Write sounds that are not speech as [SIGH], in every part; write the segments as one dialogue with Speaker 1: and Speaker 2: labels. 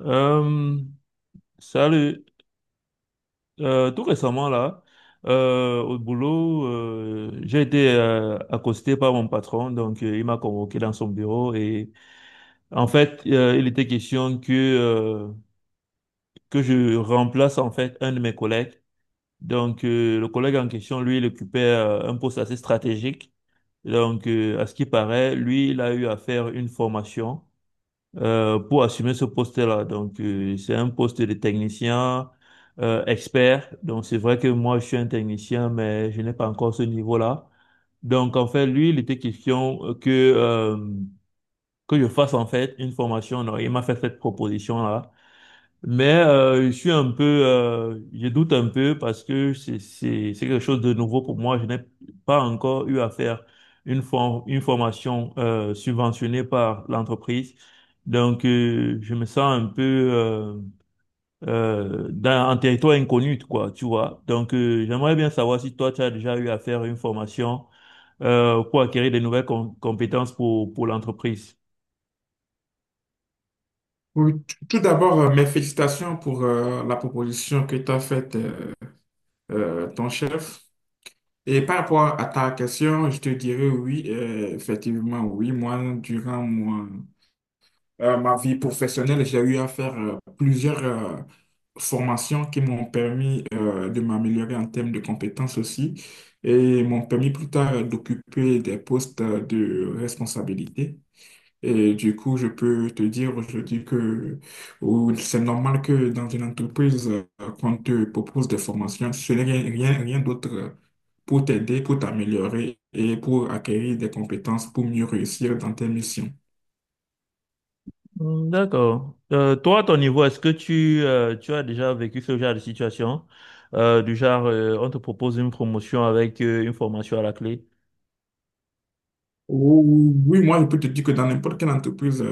Speaker 1: Euh, salut. Tout récemment, là, au boulot, j'ai été accosté par mon patron. Donc, il m'a convoqué dans son bureau. Et en fait, il était question que je remplace en fait un de mes collègues. Donc, le collègue en question, lui, il occupait un poste assez stratégique. Donc, à ce qui paraît, lui, il a eu à faire une formation. Pour assumer ce poste-là. Donc, c'est un poste de technicien expert. Donc, c'est vrai que moi, je suis un technicien, mais je n'ai pas encore ce niveau-là. Donc, en fait, lui, il était question que je fasse, en fait, une formation. Alors, il m'a fait cette proposition-là. Mais je suis un peu, je doute un peu parce que c'est quelque chose de nouveau pour moi. Je n'ai pas encore eu à faire une formation subventionnée par l'entreprise, donc je me sens un peu euh, dans un territoire inconnu, quoi, tu vois. Donc j'aimerais bien savoir si toi tu as déjà eu à faire une formation pour acquérir des nouvelles compétences pour l'entreprise.
Speaker 2: Oui, tout d'abord, mes félicitations pour la proposition que t'as faite ton chef. Et par rapport à ta question, je te dirais oui, effectivement, oui. Moi, durant ma vie professionnelle, j'ai eu à faire plusieurs formations qui m'ont permis de m'améliorer en termes de compétences aussi et m'ont permis plus tard d'occuper des postes de responsabilité. Et du coup, je peux te dire aujourd'hui que ou c'est normal que dans une entreprise, qu'on te propose des formations, ce n'est rien, rien, rien d'autre pour t'aider, pour t'améliorer et pour acquérir des compétences pour mieux réussir dans tes missions.
Speaker 1: Hmm, d'accord. Toi, à ton niveau, est-ce que tu, tu as déjà vécu ce genre de situation? Du genre, on te propose une promotion avec une formation à la clé?
Speaker 2: Oui, oui, moi, je peux te dire que dans n'importe quelle entreprise,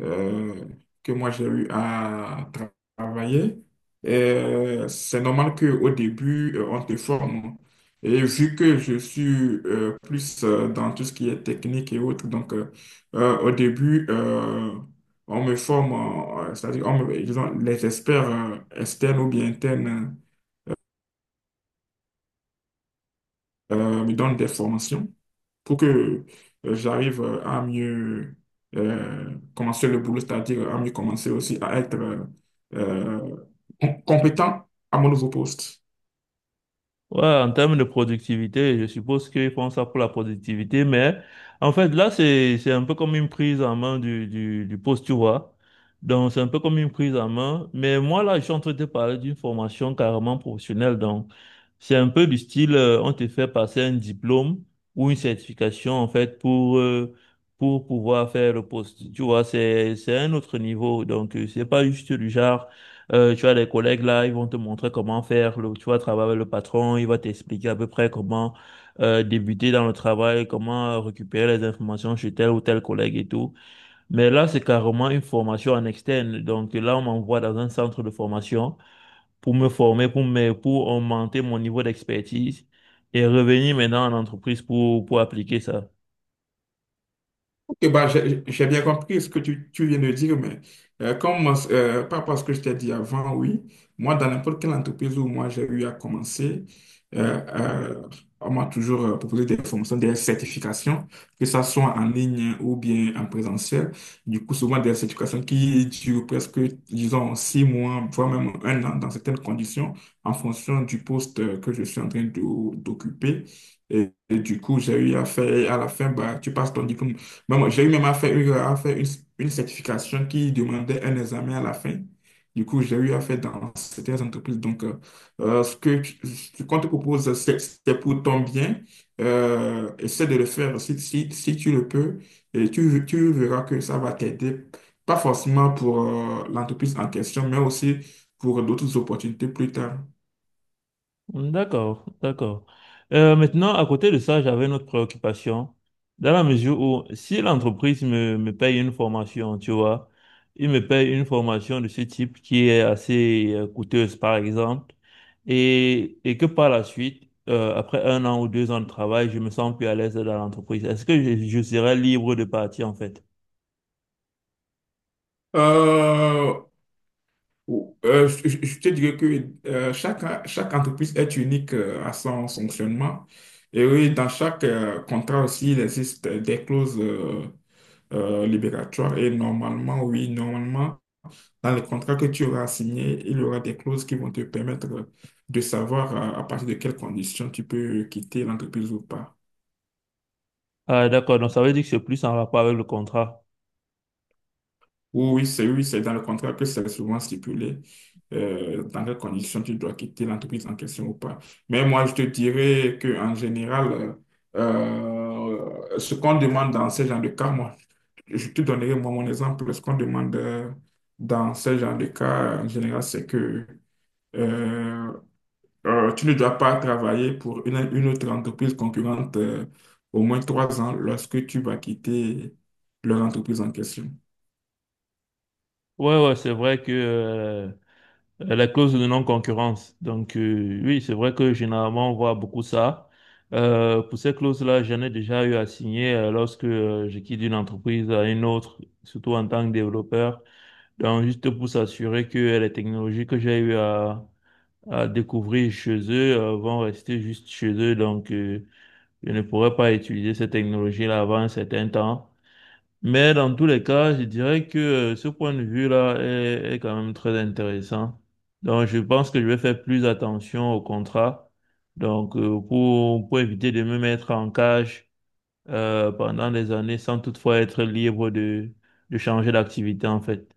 Speaker 2: euh, que moi j'ai eu à tra- travailler. Et c'est normal qu'au début, on te forme. Et vu que je suis plus dans tout ce qui est technique et autres, au début, on me forme, c'est-à-dire on me- ils ont- les experts externes ou bien internes me donne des formations pour que j'arrive à mieux commencer le boulot, c'est-à-dire à mieux commencer aussi à être euh, compétent à mon nouveau poste.
Speaker 1: Ouais, en termes de productivité, je suppose qu'ils font ça pour la productivité, mais en fait, là, c'est un peu comme une prise en main du poste, tu vois. Donc, c'est un peu comme une prise en main. Mais moi, là, je suis en train de te parler d'une formation carrément professionnelle. Donc, c'est un peu du style, on te fait passer un diplôme ou une certification, en fait, pour pouvoir faire le poste. Tu vois, c'est un autre niveau. Donc, c'est pas juste du genre. Tu as des collègues là, ils vont te montrer comment faire. Le, tu vas travailler avec le patron, il va t'expliquer à peu près comment débuter dans le travail, comment récupérer les informations chez tel ou tel collègue et tout. Mais là, c'est carrément une formation en externe. Donc là, on m'envoie dans un centre de formation pour me former, pour me, pour augmenter mon niveau d'expertise et revenir maintenant en entreprise pour appliquer ça.
Speaker 2: Ok, bah, j'ai bien compris ce que tu viens de dire, mais comme moi, par rapport à ce que je t'ai dit avant, oui, moi, dans n'importe quelle entreprise où moi j'ai eu à commencer, euh, euh, on m'a toujours proposé des formations, des certifications, que ça soit en ligne ou bien en présentiel. Du coup, souvent des certifications qui durent presque, disons, 6 mois, voire même 1 an dans certaines conditions, en fonction du poste que je suis en train d'occuper. Et du coup, j'ai eu à faire, et à la fin, bah, tu passes ton diplôme mais moi, j'ai eu même à faire une certification qui demandait un examen à la fin. Du coup, j'ai eu à faire dans certaines entreprises. Donc, ce que ce qu'on te propose, c'est pour ton bien. Essaie de le faire si, si, si tu le peux. Et tu verras que ça va t'aider, pas forcément pour l'entreprise en question, mais aussi pour d'autres opportunités plus tard.
Speaker 1: D'accord, d'accord. Maintenant, à côté de ça, j'avais une autre préoccupation, dans la mesure où si l'entreprise me, me paye une formation, tu vois, il me paye une formation de ce type qui est assez coûteuse, par exemple, et que par la suite, après un an ou deux ans de travail, je me sens plus à l'aise dans l'entreprise. Est-ce que je serais libre de partir, en fait?
Speaker 2: Euh, je te dirais que euh, chaque entreprise est unique à son fonctionnement. Et oui, dans chaque contrat aussi, il existe des clauses libératoires. Et normalement, oui, normalement, dans les contrats que tu auras signés, il y aura des clauses qui vont te permettre de savoir à partir de quelles conditions tu peux quitter l'entreprise ou pas.
Speaker 1: Ah, d'accord, donc ça veut dire que c'est plus en rapport avec le contrat.
Speaker 2: Oui, oui, c'est dans le contrat que c'est souvent stipulé dans quelles conditions tu dois quitter l'entreprise en question ou pas. Mais moi, je te dirais qu'en général, euh, ce qu'on demande dans ce genre de cas, moi, je te donnerai moi mon exemple. Ce qu'on demande dans ce genre de cas, en général, c'est que euh, tu ne dois pas travailler pour une autre entreprise concurrente au moins 3 ans lorsque tu vas quitter leur entreprise en question.
Speaker 1: Ouais, ouais, c'est vrai que la clause de non-concurrence. Donc, oui, c'est vrai que généralement, on voit beaucoup ça. Pour ces clauses-là, j'en ai déjà eu à signer lorsque je quitte une entreprise à une autre, surtout en tant que développeur. Donc, juste pour s'assurer que les technologies que j'ai eu à découvrir chez eux vont rester juste chez eux. Donc, je ne pourrai pas utiliser ces technologies-là avant un certain temps. Mais dans tous les cas, je dirais que ce point de vue-là est, est quand même très intéressant. Donc, je pense que je vais faire plus attention au contrat. Donc, pour éviter de me mettre en cage pendant des années sans toutefois être libre de changer d'activité, en fait.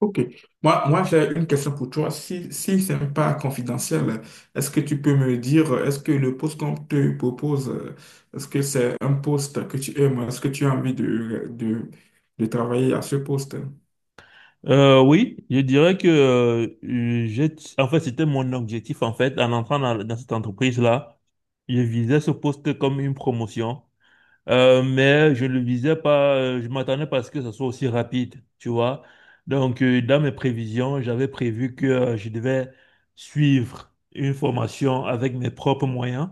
Speaker 2: Ok. Moi, j'ai une question pour toi. Si ce n'est pas confidentiel, est-ce que tu peux me dire, est-ce que le poste qu'on te propose, est-ce que c'est un poste que tu aimes? Est-ce que tu as envie de travailler à ce poste?
Speaker 1: Oui, je dirais que j'ai, en fait, c'était mon objectif, en fait, en entrant dans, dans cette entreprise-là. Je visais ce poste comme une promotion. Mais je ne le visais pas, je m'attendais pas à ce que ça soit aussi rapide, tu vois. Donc, dans mes prévisions, j'avais prévu que je devais suivre une formation avec mes propres moyens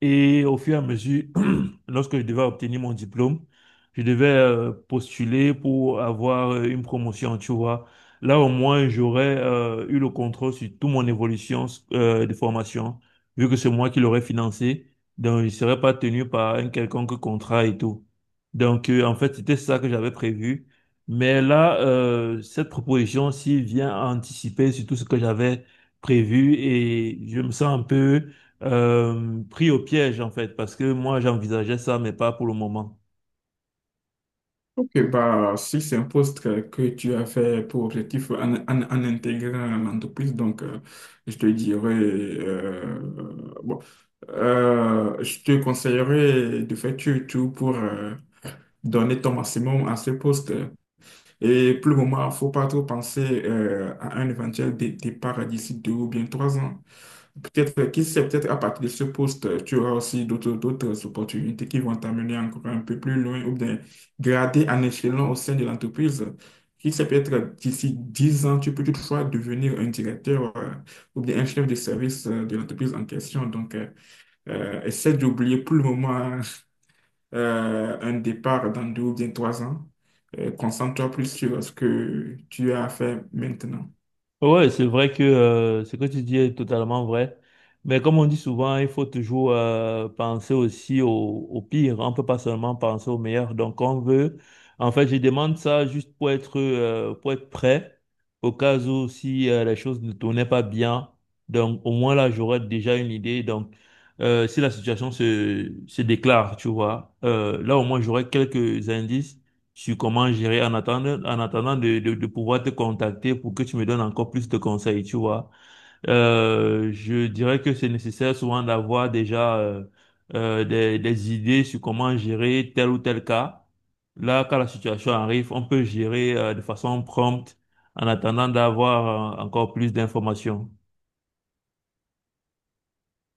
Speaker 1: et au fur et à mesure, [CLEARS THROAT] lorsque je devais obtenir mon diplôme, je devais postuler pour avoir une promotion, tu vois. Là, au moins, j'aurais eu le contrôle sur toute mon évolution de formation, vu que c'est moi qui l'aurais financé. Donc, je ne serais pas tenu par un quelconque contrat et tout. Donc, en fait, c'était ça que j'avais prévu. Mais là, cette proposition-ci vient anticiper sur tout ce que j'avais prévu et je me sens un peu pris au piège en fait, parce que moi j'envisageais ça, mais pas pour le moment.
Speaker 2: Ok, bah, si c'est un poste que tu as fait pour objectif en intégrant l'entreprise, donc je te dirais, bon, je te conseillerais de faire tout pour donner ton maximum à ce poste. Et pour le moment, il faut pas trop penser à un éventuel départ d'ici 2 ou bien 3 ans. Peut-être, qui sait, peut-être à partir de ce poste, tu auras aussi d'autres opportunités qui vont t'amener encore un peu plus loin ou bien grader en échelon au sein de l'entreprise. Qui sait, peut-être d'ici 10 ans, tu peux toutefois devenir un directeur ou bien un chef de service de l'entreprise en question. Donc, essaie d'oublier pour le moment un départ dans 2 ou bien 3 ans. Concentre-toi plus sur ce que tu as à faire maintenant.
Speaker 1: Ouais, c'est vrai que ce que tu dis est totalement vrai, mais comme on dit souvent, il faut toujours penser aussi au, au pire, on peut pas seulement penser au meilleur. Donc on veut, en fait, je demande ça juste pour être prêt au cas où si les choses ne tournaient pas bien. Donc au moins là j'aurais déjà une idée. Donc si la situation se déclare, tu vois, là au moins j'aurais quelques indices sur comment gérer en attendant de pouvoir te contacter pour que tu me donnes encore plus de conseils, tu vois. Je dirais que c'est nécessaire souvent d'avoir déjà des idées sur comment gérer tel ou tel cas. Là, quand la situation arrive, on peut gérer de façon prompte en attendant d'avoir encore plus d'informations.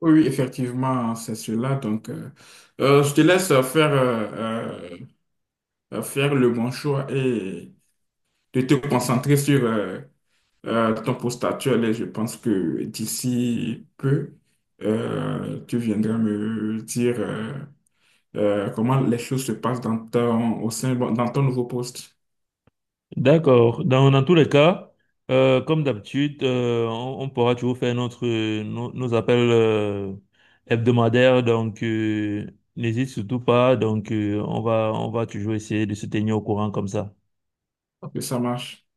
Speaker 2: Oui, oui, effectivement, c'est cela. Donc, je te laisse faire, faire le bon choix et de te concentrer sur ton poste actuel. Et je pense que d'ici peu, tu viendras me dire comment les choses se passent dans ton, au sein, bon, dans ton nouveau poste.
Speaker 1: D'accord. Dans, dans tous les cas, comme d'habitude, on pourra toujours faire notre, nos, nos appels hebdomadaires. Donc, n'hésite surtout pas. Donc, on va toujours essayer de se tenir au courant comme ça.
Speaker 2: Ok, ça marche.